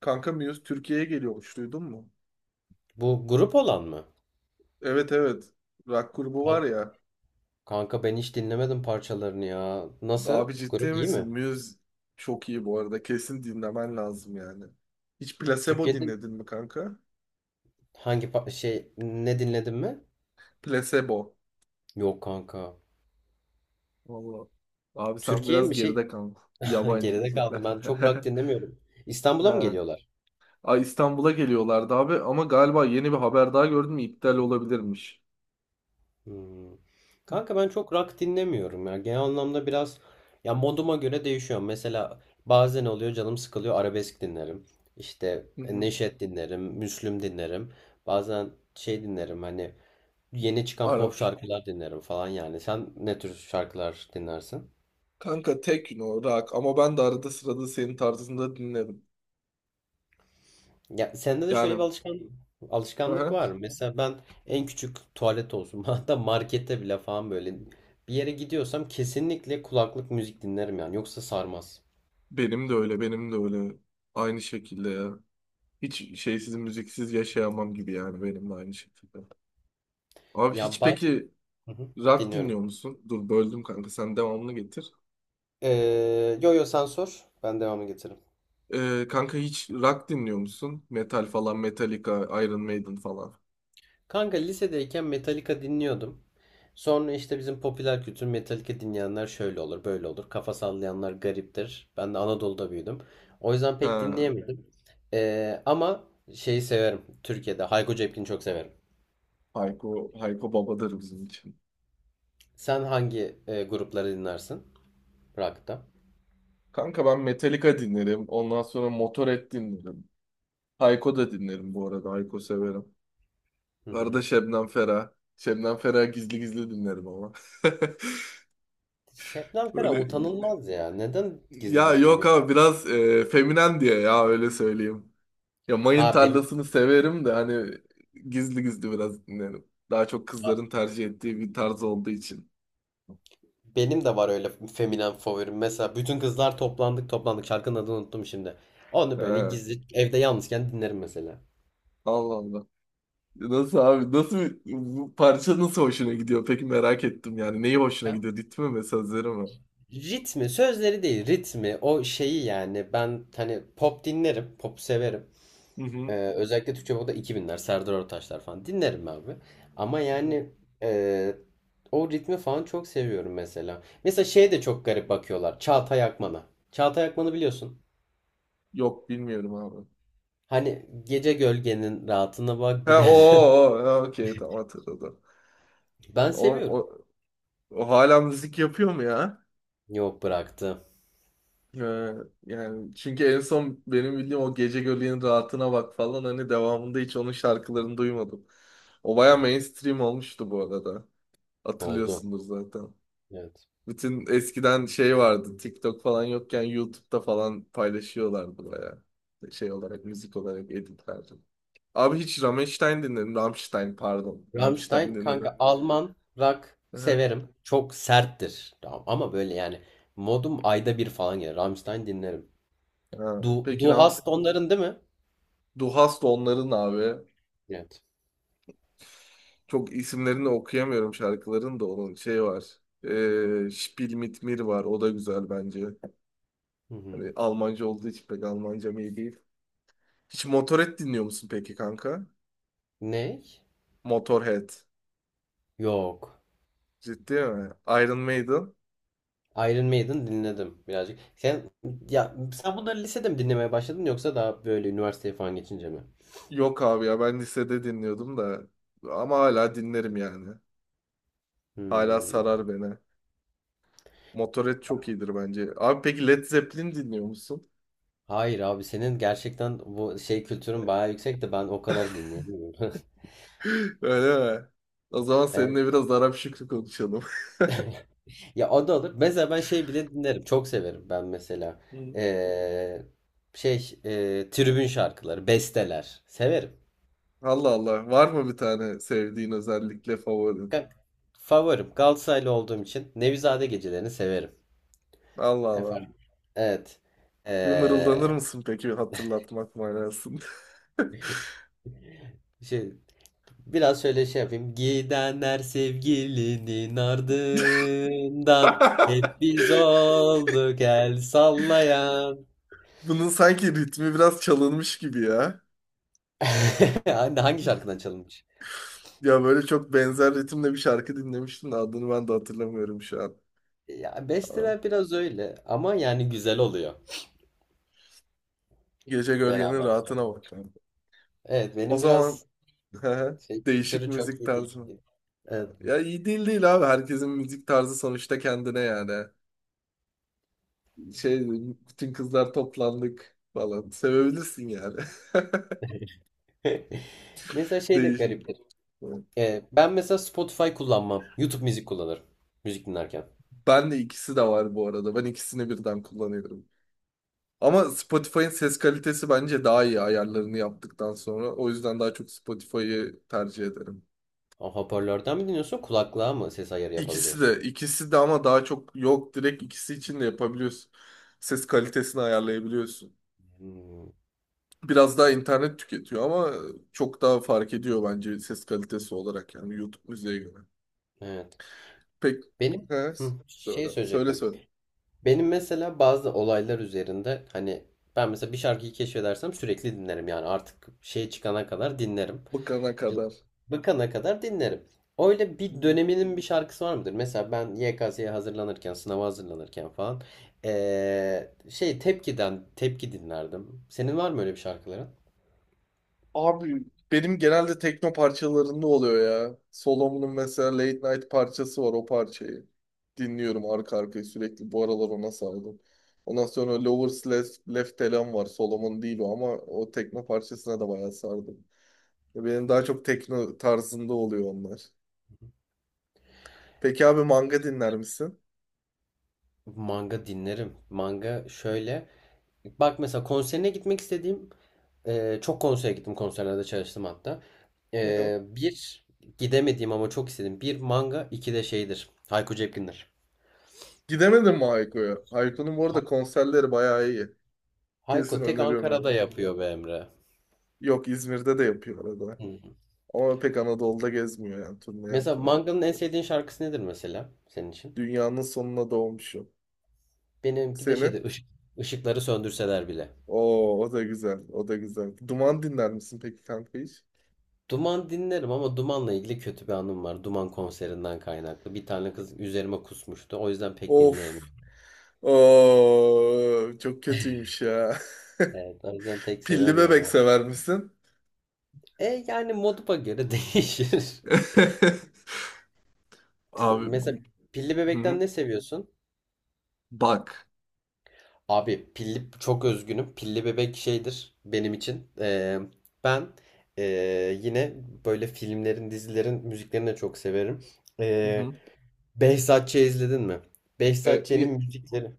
Kanka Muse Türkiye'ye geliyormuş duydun mu? Bu grup olan mı? Evet, evet. Rock grubu var Kank- ya. Kanka ben hiç dinlemedim parçalarını ya. Nasıl? Abi Grup ciddi iyi misin? mi? Muse çok iyi bu arada. Kesin dinlemen lazım yani. Hiç Placebo Türkiye'de dinledin mi kanka? hangi pa- şey ne dinledin mi? Placebo. Yok kanka. Vallahi. Abi sen Türkiye biraz mi şey? geride kaldın. Yabancı Geride kaldım. müzikler. Ben çok rock dinlemiyorum. İstanbul'a mı Ha. geliyorlar? Ay, İstanbul'a geliyorlardı abi ama galiba yeni bir haber daha gördüm, iptal olabilirmiş. Hmm. Kanka ben çok rock dinlemiyorum ya. Genel anlamda biraz ya moduma göre değişiyor. Mesela bazen oluyor canım sıkılıyor arabesk dinlerim. İşte Hı hı. Neşet dinlerim, Müslüm dinlerim. Bazen şey dinlerim hani yeni çıkan pop Arap. şarkılar dinlerim falan yani. Sen ne tür şarkılar dinlersin? Kanka tek o rock ama ben de arada sırada senin tarzında dinlerim. Ya sende de şöyle bir Yani. Hı alışkanlık hı. var mı? Mesela ben en küçük tuvalet olsun, hatta markette bile falan, böyle bir yere gidiyorsam kesinlikle kulaklık müzik dinlerim yani. Yoksa sarmaz. Benim de öyle, benim de öyle. Aynı şekilde ya. Hiç şeysiz, müziksiz yaşayamam gibi yani, benim de aynı şekilde. Abi Ya hiç bazen, peki hı hı, rock dinliyor dinliyorum. musun? Dur, böldüm kanka, sen devamını getir. Yo yo, sen sor. Ben devamını getiririm. Kanka hiç rock dinliyor musun? Metal falan, Metallica, Iron Maiden falan. Kanka lisedeyken Metallica dinliyordum. Sonra işte bizim popüler kültür, Metallica dinleyenler şöyle olur, böyle olur. Kafa sallayanlar gariptir. Ben de Anadolu'da büyüdüm. O yüzden pek Ha, dinleyemedim. Ama şeyi severim. Türkiye'de Hayko Cepkin'i çok severim. Hayko, Hayko babadır bizim için. Sen hangi grupları dinlersin? Rock'ta. Kanka ben Metallica dinlerim. Ondan sonra Motorhead dinlerim. Hayko da dinlerim bu arada. Hayko severim. Hı Bu arada hı. Şebnem Ferah. Şebnem Ferah gizli gizli dinlerim ama. Şebnem Ferah Böyle utanılmaz ya. Neden gizli ya, gizli yok abi, dinliyorsun? biraz feminen diye, ya öyle söyleyeyim. Ya, mayın Ha benim, tarlasını severim de hani gizli gizli biraz dinlerim. Daha çok kızların tercih ettiği bir tarz olduğu için. Benim de var öyle feminen favorim. Mesela bütün kızlar toplandık toplandık. Şarkının adını unuttum şimdi. Onu He, böyle gizli evde yalnızken dinlerim mesela. Allah Allah. Nasıl abi? Nasıl, bu parça nasıl hoşuna gidiyor? Peki, merak ettim yani. Neyi hoşuna Ya, gidiyor? Ritmi mi, sözleri mi? ritmi, sözleri değil, ritmi, o şeyi yani. Ben hani pop dinlerim, pop severim. Hı hı. Özellikle Türkçe pop'ta iki binler Serdar Ortaçlar falan dinlerim abi. Ama Hı hı. yani e, o ritmi falan çok seviyorum mesela. Mesela şeye de çok garip bakıyorlar. Çağatay Akman'a. Çağatay Akman'ı biliyorsun. Yok bilmiyorum abi. Hani gece gölgenin rahatına bak Ha bir de. o o o, ha, okey tamam, hatırladım. Ben O, seviyorum. o, o hala müzik yapıyor mu ya? Yok bıraktı. Ee, Yani çünkü en son benim bildiğim o Gece Göleğin Rahatına Bak falan, hani devamında hiç onun şarkılarını duymadım. O baya mainstream olmuştu bu arada. Oldu. Hatırlıyorsundur zaten. Evet. Bütün eskiden şey vardı, TikTok falan yokken YouTube'da falan paylaşıyorlardı baya. Şey olarak, müzik olarak editlerdi. Abi hiç Rammstein dinledim. Rammstein, pardon. Rammstein Rammstein dinledim. kanka, Alman rock Aha. severim. Çok serttir. Tamam. Ama böyle yani modum ayda bir falan gelir. Rammstein dinlerim. Ha, Du, peki Du Ram, Hast onların değil mi? Du Hast onların abi. Evet. Çok isimlerini okuyamıyorum şarkıların da, onun şey var. Spiel mit mir var. O da güzel bence. Hı hı. Hani Almanca olduğu için, pek Almancam iyi değil. Hiç Motorhead dinliyor musun peki kanka? Ne? Motorhead. Yok. Ciddi mi? Iron Maiden. Iron Maiden dinledim birazcık. Ya Sen bunları lisede mi dinlemeye başladın yoksa daha böyle üniversiteye falan geçince mi? Yok abi ya, ben lisede dinliyordum da. Ama hala dinlerim yani. Hala Hmm. sarar beni. Motorhead çok iyidir bence. Abi peki Led Zeppelin dinliyor musun? Hayır abi, senin gerçekten bu şey kültürün bayağı yüksek de ben o kadar dinleyemiyorum. Öyle mi? O zaman seninle biraz Arap Şükrü konuşalım. Ya o da olur. Mesela ben şey bile dinlerim. Çok severim ben mesela. Ee, Tribün şarkıları, besteler. Severim. Allah Allah. Var mı bir tane sevdiğin, özellikle favorin? Ka- Favorim. Galatasaraylı olduğum için Nevizade gecelerini severim. Allah Allah. Efendim. Evet. Bir Ee, mırıldanır mısın peki, hatırlatmak manasında? şey, Biraz şöyle şey yapayım. Gidenler sevgilinin ardından, hep biz olduk el sallayan. Bunun sanki ritmi biraz çalınmış gibi ya. Hangi şarkıdan çalınmış? Ya böyle çok benzer ritimle bir şarkı dinlemiştim de adını ben de hatırlamıyorum şu an. Ya Aa, besteler biraz öyle ama yani güzel oluyor Gece gölgenin beraber. Rahatına bak lan. Evet, O benim zaman biraz şey değişik kültürü çok müzik iyi değil. tarzı mı? Evet. Ya iyi değil değil abi. Herkesin müzik tarzı sonuçta kendine yani. Şey, bütün kızlar toplandık falan. Sevebilirsin yani. Mesela şey de Değişik. gariptir. Ben mesela Spotify kullanmam. YouTube müzik kullanırım. Müzik dinlerken. Ben de ikisi de var bu arada. Ben ikisini birden kullanıyorum. Ama Spotify'ın ses kalitesi bence daha iyi ayarlarını yaptıktan sonra. O yüzden daha çok Spotify'ı tercih ederim. O, hoparlörden mi dinliyorsun? Kulaklığa mı ses ayarı İkisi yapabiliyorsun? de, ikisi de, ama daha çok yok, direkt ikisi için de yapabiliyorsun. Ses kalitesini ayarlayabiliyorsun. Hmm, Biraz daha internet tüketiyor ama çok daha fark ediyor bence ses kalitesi olarak, yani YouTube müziğe göre. evet. Pek Benim he, hı, söyle. şey Söyle, söyleyecektim. söyle. Benim mesela bazı olaylar üzerinde hani, ben mesela bir şarkıyı keşfedersem sürekli dinlerim yani artık şey çıkana kadar dinlerim. Bıkana kadar. Bıkana kadar dinlerim. Öyle Hı bir hı. döneminin bir şarkısı var mıdır? Mesela ben YKS'ye hazırlanırken, sınava hazırlanırken falan, şey Tepki'den Tepki dinlerdim. Senin var mı öyle bir şarkıların? Abi, benim genelde tekno parçalarında oluyor ya. Solomon'un mesela Late Night parçası var, o parçayı. Dinliyorum arka arkaya sürekli. Bu aralar ona sardım. Ondan sonra Lovers Left, Left Elan var. Solomon değil o ama o tekno parçasına da bayağı sardım. Ya benim daha çok tekno tarzında oluyor onlar. Peki abi, manga dinler misin? Manga dinlerim. Manga şöyle. Bak mesela konserine gitmek istediğim, çok konsere gittim. Konserlerde çalıştım hatta. Hı hı. Bir gidemediğim ama çok istedim. Bir manga, iki de şeydir. Hayko Cepkin'dir. Gidemedin mi Hayko'ya? Hayko'nun bu arada konserleri bayağı iyi. Kesin Hayko tek öneriyorum yani. Ankara'da yapıyor be Emre. Yok, İzmir'de de yapıyor arada. Hı. Ama pek Anadolu'da gezmiyor, yani turne Mesela yapmıyor. Manga'nın en sevdiğin şarkısı nedir mesela senin için? Dünyanın sonuna doğmuş, yok. Benimki de Senin? şeydir, ışık, ışıkları söndürseler bile. Oo, o da güzel. O da güzel. Duman dinler misin peki kanka hiç? Duman dinlerim ama Duman'la ilgili kötü bir anım var. Duman konserinden kaynaklı. Bir tane kız üzerime kusmuştu. O yüzden pek Of. dinleyemiyorum. Oo, çok kötüymüş ya. Evet, o yüzden pek Pilli sevemiyorum bebek onu. sever misin? E yani moduma göre değişir. Abi, Mesela Pilli hı hı. Bebek'ten ne seviyorsun? Bak. Abi pilli çok özgünüm. Pilli bebek şeydir benim için. Ben Yine böyle filmlerin, dizilerin müziklerini de çok severim. Hı Ee, hı. Behzat Ç. izledin mi? E, Behzat Ç'nin müzikleri.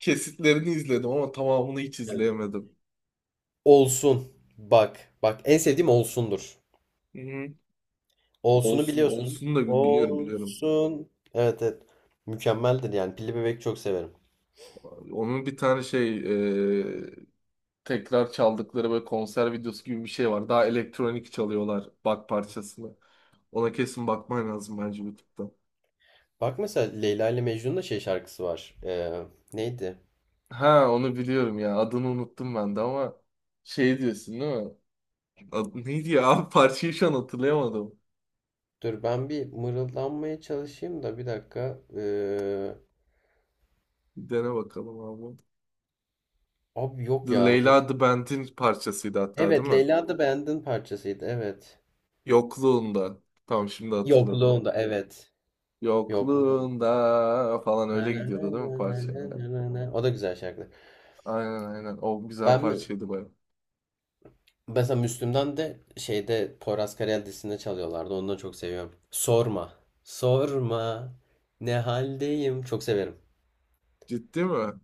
kesitlerini izledim ama tamamını hiç Evet. izleyemedim. Olsun. Bak. Bak, en sevdiğim Olsun'dur. Hı hı. Olsun'u Olsun, biliyorsun. olsun da biliyorum, biliyorum. Olsun. Evet, evet. Mükemmeldir yani. Pilli bebek çok severim. Onun bir tane şey, e, tekrar çaldıkları böyle konser videosu gibi bir şey var. Daha elektronik çalıyorlar bak parçasını. Ona kesin bakman lazım bence YouTube'da. Bak mesela Leyla ile Mecnun'da şey şarkısı var. Neydi? Ha, onu biliyorum ya. Adını unuttum ben de ama şey diyorsun değil mi? Adı neydi ya? Abi, parçayı şu an hatırlayamadım. Dur ben bir mırıldanmaya çalışayım da bir dakika. Bir dene bakalım abi. Abi yok The ya dur. Leyla The Band'in parçasıydı hatta değil Evet, mi? Leyla da Band'ın parçasıydı, evet. Yokluğunda. Tamam, şimdi hatırladım. Yokluğunda, evet. Yokluğunda. Yokluğunda falan Na, öyle na, na, gidiyordu değil na, mi na, parça? na, na, na. O da güzel şarkı. Aynen, aynen. O güzel Ben mi- parçaydı baya. Mesela Müslüm'den de şeyde Poyraz Karayel dizisinde çalıyorlardı. Onu da çok seviyorum. Sorma. Sorma. Ne haldeyim? Çok severim. Ciddi mi?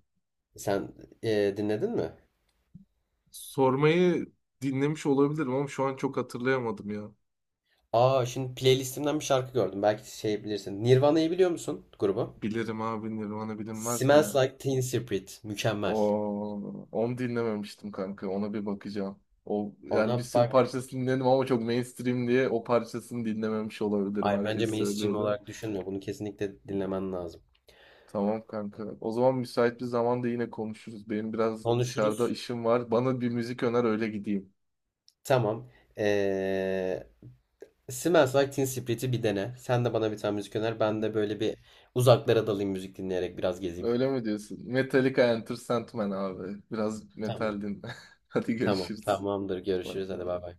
Sen dinledin mi? Sormayı dinlemiş olabilirim ama şu an çok hatırlayamadım ya. Aa, şimdi playlistimden bir şarkı gördüm. Belki şey bilirsin. Nirvana'yı biliyor musun, grubu? Bilirim abi, Nirvana bilinmez mi Smells ya? Like Teen Spirit. Mükemmel. O, onu dinlememiştim kanka. Ona bir bakacağım. O yani bir Ona sürü bak. parçasını dinledim ama çok mainstream diye o parçasını dinlememiş olabilirim. Ay bence Herkes mainstream söylüyordu. olarak düşünme. Bunu kesinlikle dinlemen lazım. Tamam kanka. O zaman müsait bir zamanda yine konuşuruz. Benim biraz dışarıda Konuşuruz. işim var. Bana bir müzik öner, öyle gideyim. Tamam. Ee, Smells Like Teen Spirit'i bir dene. Sen de bana bir tane müzik öner. Ben Hı. de böyle bir uzaklara dalayım, müzik dinleyerek biraz gezeyim. Öyle mi diyorsun? Metallica Enter Sandman abi. Biraz Tamam. metal dinle. Hadi Tamam. görüşürüz. Tamamdır. Bay Görüşürüz. Hadi bay bay. bay.